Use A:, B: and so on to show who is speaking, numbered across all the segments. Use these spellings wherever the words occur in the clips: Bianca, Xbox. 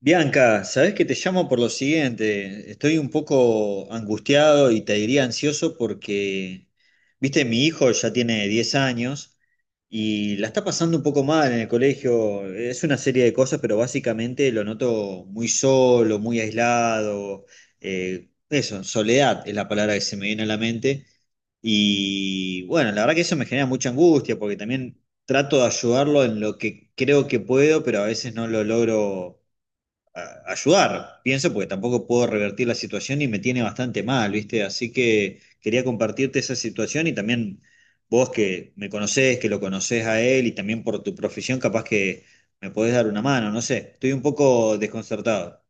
A: Bianca, sabes que te llamo por lo siguiente. Estoy un poco angustiado y te diría ansioso porque, viste, mi hijo ya tiene 10 años y la está pasando un poco mal en el colegio. Es una serie de cosas, pero básicamente lo noto muy solo, muy aislado. Eso, soledad es la palabra que se me viene a la mente. Y bueno, la verdad que eso me genera mucha angustia porque también trato de ayudarlo en lo que creo que puedo, pero a veces no lo logro ayudar, pienso, porque tampoco puedo revertir la situación y me tiene bastante mal, ¿viste? Así que quería compartirte esa situación y también vos que me conocés, que lo conocés a él y también por tu profesión, capaz que me podés dar una mano, no sé, estoy un poco desconcertado.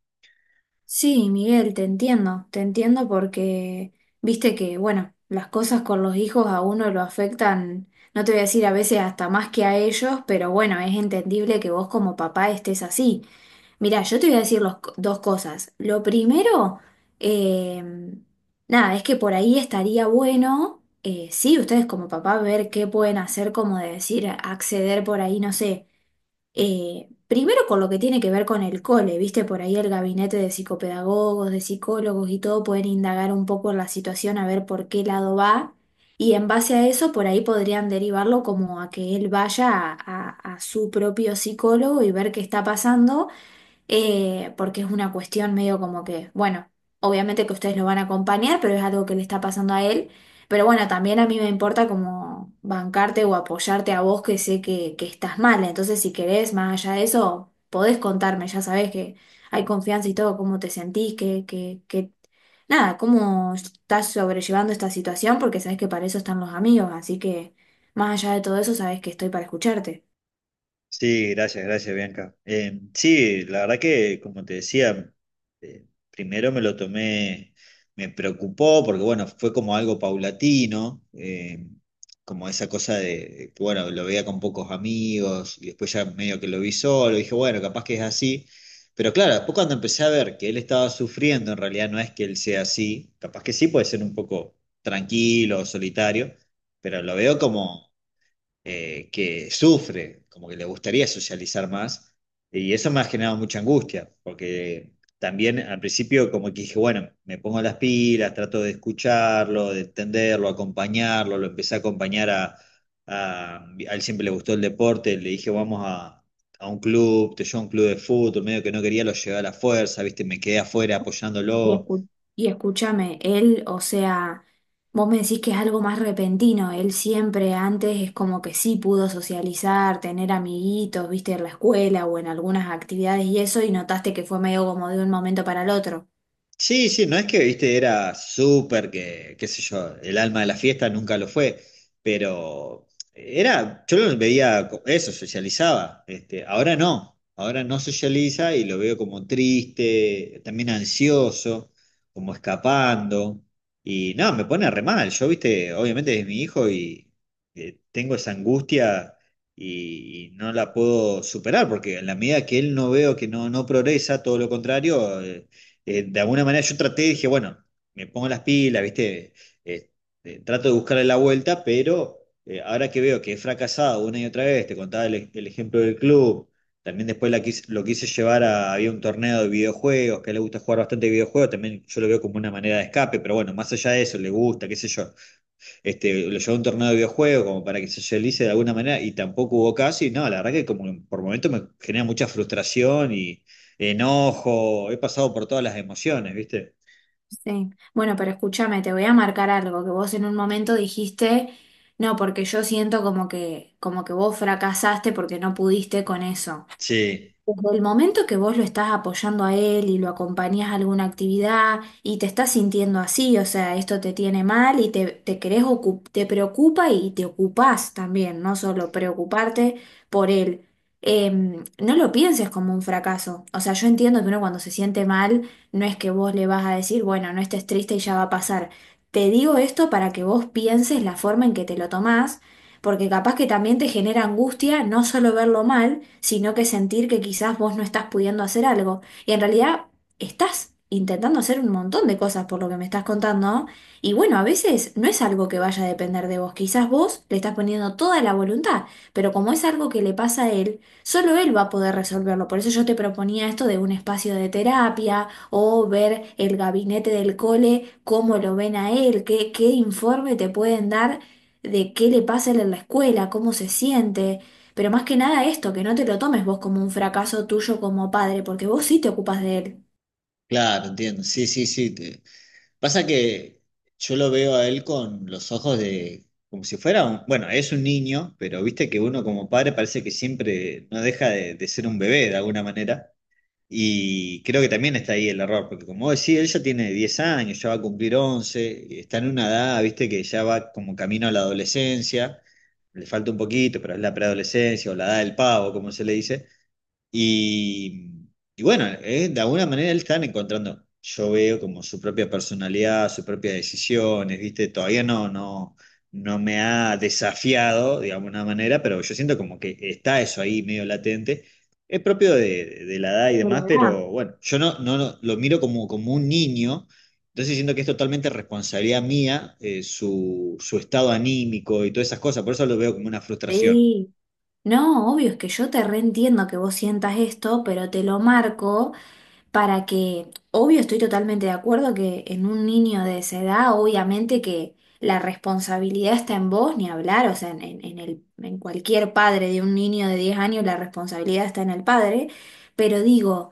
B: Sí, Miguel, te entiendo porque viste que, bueno, las cosas con los hijos a uno lo afectan, no te voy a decir a veces hasta más que a ellos, pero bueno, es entendible que vos como papá estés así. Mirá, yo te voy a decir dos cosas. Lo primero, eh, nada, es que por ahí estaría bueno, sí, ustedes como papá ver qué pueden hacer, como de decir, acceder por ahí, no sé, primero con lo que tiene que ver con el cole, ¿viste? Por ahí el gabinete de psicopedagogos, de psicólogos y todo pueden indagar un poco en la situación a ver por qué lado va, y en base a eso por ahí podrían derivarlo como a que él vaya a su propio psicólogo y ver qué está pasando, porque es una cuestión medio como que, bueno, obviamente que ustedes lo van a acompañar, pero es algo que le está pasando a él. Pero bueno, también a mí me importa como bancarte o apoyarte a vos que sé que estás mal. Entonces, si querés, más allá de eso, podés contarme, ya sabés que hay confianza y todo, cómo te sentís, nada, cómo estás sobrellevando esta situación, porque sabés que para eso están los amigos, así que más allá de todo eso, sabés que estoy para escucharte.
A: Sí, gracias, gracias, Bianca. Sí, la verdad que, como te decía, primero me lo tomé, me preocupó porque, bueno, fue como algo paulatino, como esa cosa de, que, bueno, lo veía con pocos amigos y después ya medio que lo vi solo, dije, bueno, capaz que es así. Pero claro, después cuando empecé a ver que él estaba sufriendo, en realidad no es que él sea así, capaz que sí puede ser un poco tranquilo, solitario, pero lo veo como que sufre, como que le gustaría socializar más, y eso me ha generado mucha angustia, porque también al principio como que dije, bueno, me pongo las pilas, trato de escucharlo, de entenderlo, acompañarlo, lo empecé a acompañar a, a él. Siempre le gustó el deporte, le dije, vamos a un club, te llevo a un club de fútbol, medio que no quería, lo llevé a la fuerza, viste, me quedé afuera
B: Y,
A: apoyándolo.
B: escu- y escúchame, él, o sea, vos me decís que es algo más repentino, él siempre antes es como que sí pudo socializar, tener amiguitos, viste, en la escuela o en algunas actividades y eso, y notaste que fue medio como de un momento para el otro.
A: Sí, sí, no es que, viste, era súper que, qué sé yo, el alma de la fiesta nunca lo fue, pero era, yo lo veía, eso, socializaba, este, ahora no socializa y lo veo como triste, también ansioso, como escapando, y no, me pone re mal, yo, viste, obviamente es mi hijo y tengo esa angustia y no la puedo superar, porque en la medida que él no veo que no progresa, todo lo contrario. De alguna manera yo traté, dije, bueno, me pongo las pilas, ¿viste? Eh, Trato de buscarle la vuelta, pero ahora que veo que he fracasado una y otra vez, te contaba el ejemplo del club, también después lo quise llevar a, había un torneo de videojuegos, que a él le gusta jugar bastante videojuegos, también yo lo veo como una manera de escape, pero bueno, más allá de eso, le gusta, qué sé yo. Este, lo llevó a un torneo de videojuegos como para que se socialice de alguna manera y tampoco hubo casi. No, la verdad que como que por momentos me genera mucha frustración y enojo. He pasado por todas las emociones, ¿viste?
B: Sí. Bueno, pero escúchame, te voy a marcar algo que vos en un momento dijiste, no, porque yo siento como que vos fracasaste porque no pudiste con eso.
A: Sí,
B: Desde el momento que vos lo estás apoyando a él y lo acompañás a alguna actividad y te estás sintiendo así, o sea, esto te tiene mal y te, te preocupa y te ocupás también, no solo preocuparte por él. No lo pienses como un fracaso. O sea, yo entiendo que uno cuando se siente mal, no es que vos le vas a decir, bueno, no estés triste y ya va a pasar. Te digo esto para que vos pienses la forma en que te lo tomás porque capaz que también te genera angustia no solo verlo mal, sino que sentir que quizás vos no estás pudiendo hacer algo. Y en realidad estás intentando hacer un montón de cosas por lo que me estás contando, ¿no? Y bueno, a veces no es algo que vaya a depender de vos, quizás vos le estás poniendo toda la voluntad, pero como es algo que le pasa a él, solo él va a poder resolverlo. Por eso yo te proponía esto de un espacio de terapia o ver el gabinete del cole, cómo lo ven a él, qué informe te pueden dar de qué le pasa a él en la escuela, cómo se siente, pero más que nada esto, que no te lo tomes vos como un fracaso tuyo como padre, porque vos sí te ocupas de él.
A: claro, entiendo. Sí, sí, sí. Pasa que yo lo veo a él con los ojos de, como si fuera un, bueno, es un niño, pero viste que uno como padre parece que siempre no deja de ser un bebé de alguna manera. Y creo que también está ahí el error, porque como vos decís, él ya tiene 10 años, ya va a cumplir 11, está en una edad, viste, que ya va como camino a la adolescencia, le falta un poquito, pero es la preadolescencia o la edad del pavo, como se le dice. Y, y bueno, de alguna manera él está encontrando, yo veo como su propia personalidad, sus propias decisiones, ¿viste? Todavía no me ha desafiado de alguna manera, pero yo siento como que está eso ahí medio latente. Es propio de la edad y
B: De la
A: demás,
B: edad.
A: pero bueno, yo lo miro como, como un niño, entonces siento que es totalmente responsabilidad mía, su estado anímico y todas esas cosas, por eso lo veo como una frustración.
B: Sí. No, obvio, es que yo te reentiendo que vos sientas esto, pero te lo marco, para que, obvio, estoy totalmente de acuerdo que en un niño de esa edad, obviamente que la responsabilidad está en vos, ni hablar, o sea, en cualquier padre de un niño de 10 años, la responsabilidad está en el padre, pero digo,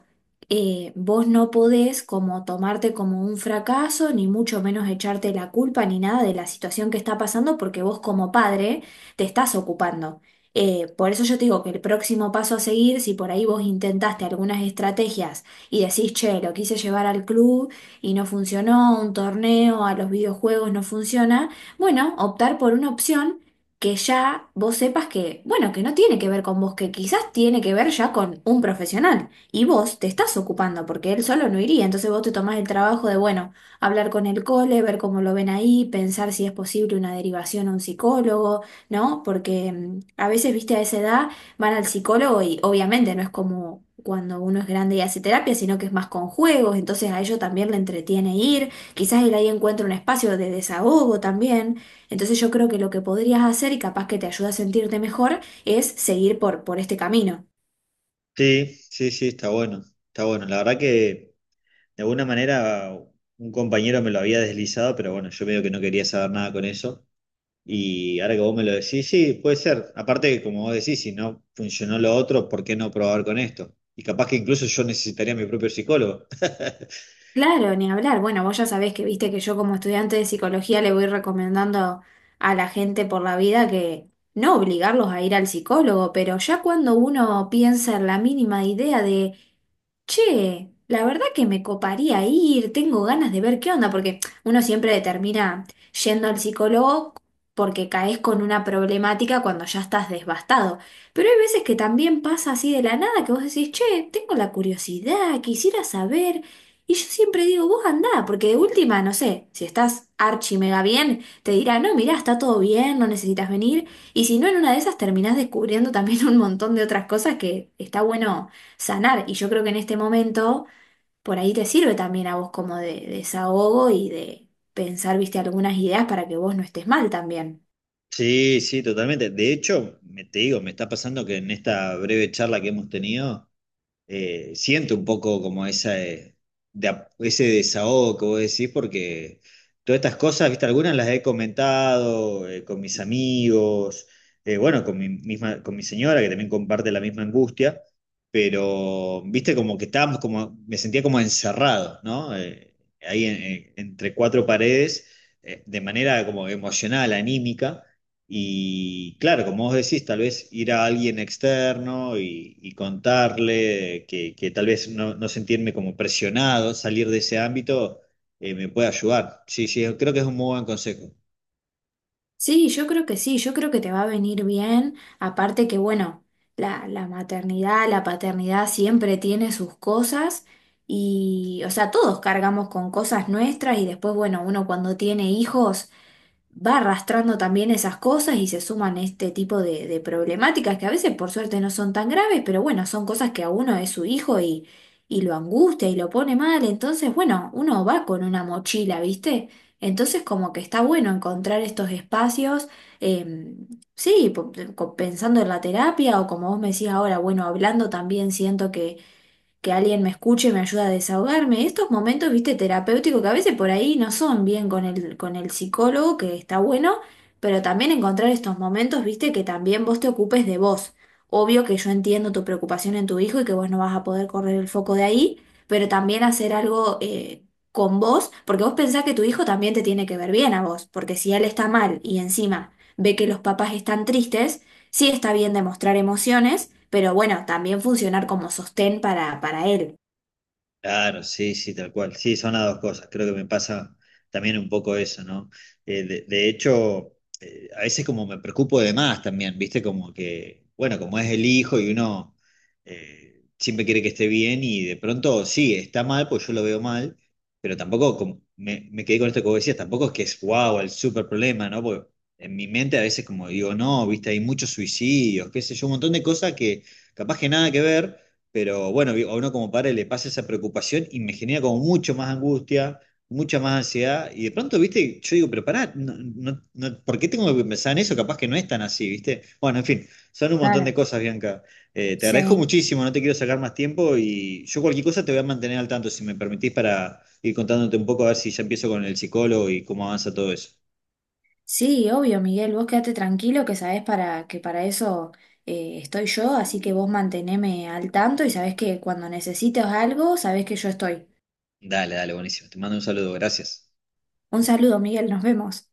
B: vos no podés como tomarte como un fracaso, ni mucho menos echarte la culpa ni nada de la situación que está pasando, porque vos como padre te estás ocupando. Por eso yo te digo que el próximo paso a seguir, si por ahí vos intentaste algunas estrategias, y decís, che, lo quise llevar al club y no funcionó, un torneo, a los videojuegos no funciona, bueno, optar por una opción que ya vos sepas que, bueno, que no tiene que ver con vos, que quizás tiene que ver ya con un profesional y vos te estás ocupando porque él solo no iría, entonces vos te tomás el trabajo de, bueno, hablar con el cole, ver cómo lo ven ahí, pensar si es posible una derivación a un psicólogo, ¿no? Porque a veces, viste, a esa edad van al psicólogo y obviamente no es como cuando uno es grande y hace terapia, sino que es más con juegos, entonces a ellos también le entretiene ir, quizás él ahí encuentra un espacio de desahogo también, entonces yo creo que lo que podrías hacer y capaz que te ayuda a sentirte mejor es seguir por este camino.
A: Sí, sí, sí, está bueno, está bueno. La verdad que de alguna manera un compañero me lo había deslizado, pero bueno, yo medio que no quería saber nada con eso. Y ahora que vos me lo decís, sí, puede ser. Aparte que como vos decís, si no funcionó lo otro, ¿por qué no probar con esto? Y capaz que incluso yo necesitaría mi propio psicólogo.
B: Claro, ni hablar, bueno, vos ya sabés que viste que yo como estudiante de psicología le voy recomendando a la gente por la vida que no obligarlos a ir al psicólogo, pero ya cuando uno piensa en la mínima idea de che, la verdad que me coparía ir, tengo ganas de ver qué onda, porque uno siempre termina yendo al psicólogo porque caes con una problemática cuando ya estás devastado. Pero hay veces que también pasa así de la nada que vos decís, che, tengo la curiosidad, quisiera saber. Y yo siempre digo, vos andá, porque de última, no sé, si estás archi mega bien, te dirá, no, mirá, está todo bien, no necesitas venir. Y si no, en una de esas terminás descubriendo también un montón de otras cosas que está bueno sanar. Y yo creo que en este momento por ahí te sirve también a vos como de desahogo y de pensar, viste, algunas ideas para que vos no estés mal también.
A: Sí, sí, totalmente. De hecho, te digo, me está pasando que en esta breve charla que hemos tenido... siento un poco como esa, ese desahogo que vos decís, porque todas estas cosas, viste, algunas las he comentado con mis amigos, bueno, con mi misma, con mi señora, que también comparte la misma angustia, pero, viste, como que estábamos como, me sentía como encerrado, ¿no? Ahí entre cuatro paredes, de manera como emocional, anímica. Y claro, como vos decís, tal vez ir a alguien externo y contarle que tal vez no sentirme como presionado, salir de ese ámbito, me puede ayudar. Sí, sí, creo que es un muy buen consejo.
B: Sí, yo creo que sí, yo creo que te va a venir bien. Aparte que, bueno, la maternidad, la paternidad siempre tiene sus cosas. Y, o sea, todos cargamos con cosas nuestras y después, bueno, uno cuando tiene hijos va arrastrando también esas cosas y se suman este tipo de problemáticas que a veces por suerte no son tan graves, pero bueno, son cosas que a uno es su hijo y lo angustia y lo pone mal, entonces bueno, uno va con una mochila, ¿viste? Entonces como que está bueno encontrar estos espacios, eh, pensando en la terapia o como vos me decís ahora, bueno, hablando también siento que alguien me escuche me ayuda a desahogarme. Estos momentos, viste, terapéuticos que a veces por ahí no son bien con el psicólogo, que está bueno, pero también encontrar estos momentos, viste, que también vos te ocupes de vos. Obvio que yo entiendo tu preocupación en tu hijo y que vos no vas a poder correr el foco de ahí, pero también hacer algo con vos, porque vos pensás que tu hijo también te tiene que ver bien a vos, porque si él está mal y encima ve que los papás están tristes, sí está bien demostrar emociones, pero bueno, también funcionar como sostén para él.
A: Claro, sí, sí, tal cual. Sí, son las dos cosas. Creo que me pasa también un poco eso, ¿no? De hecho, a veces como me preocupo de más también, ¿viste? Como que, bueno, como es el hijo y uno siempre quiere que esté bien y de pronto sí, está mal, pues yo lo veo mal, pero tampoco, me quedé con esto que vos decías, tampoco es que es wow, el súper problema, ¿no? Porque en mi mente a veces como digo, no, ¿viste? Hay muchos suicidios, qué sé yo, un montón de cosas que capaz que nada que ver. Pero bueno, digo, a uno como padre le pasa esa preocupación y me genera como mucho más angustia, mucha más ansiedad. Y de pronto, viste, yo digo, pero pará, no, ¿por qué tengo que pensar en eso? Capaz que no es tan así, viste. Bueno, en fin, son un montón de
B: Claro,
A: cosas, Bianca. Te agradezco
B: sí,
A: muchísimo, no te quiero sacar más tiempo y yo cualquier cosa te voy a mantener al tanto, si me permitís, para ir contándote un poco, a ver si ya empiezo con el psicólogo y cómo avanza todo eso.
B: sí, obvio, Miguel, vos quédate tranquilo que sabés que para eso estoy yo, así que vos manteneme al tanto y sabés que cuando necesites algo, sabés que yo estoy.
A: Dale, dale, buenísimo. Te mando un saludo, gracias.
B: Un saludo, Miguel, nos vemos.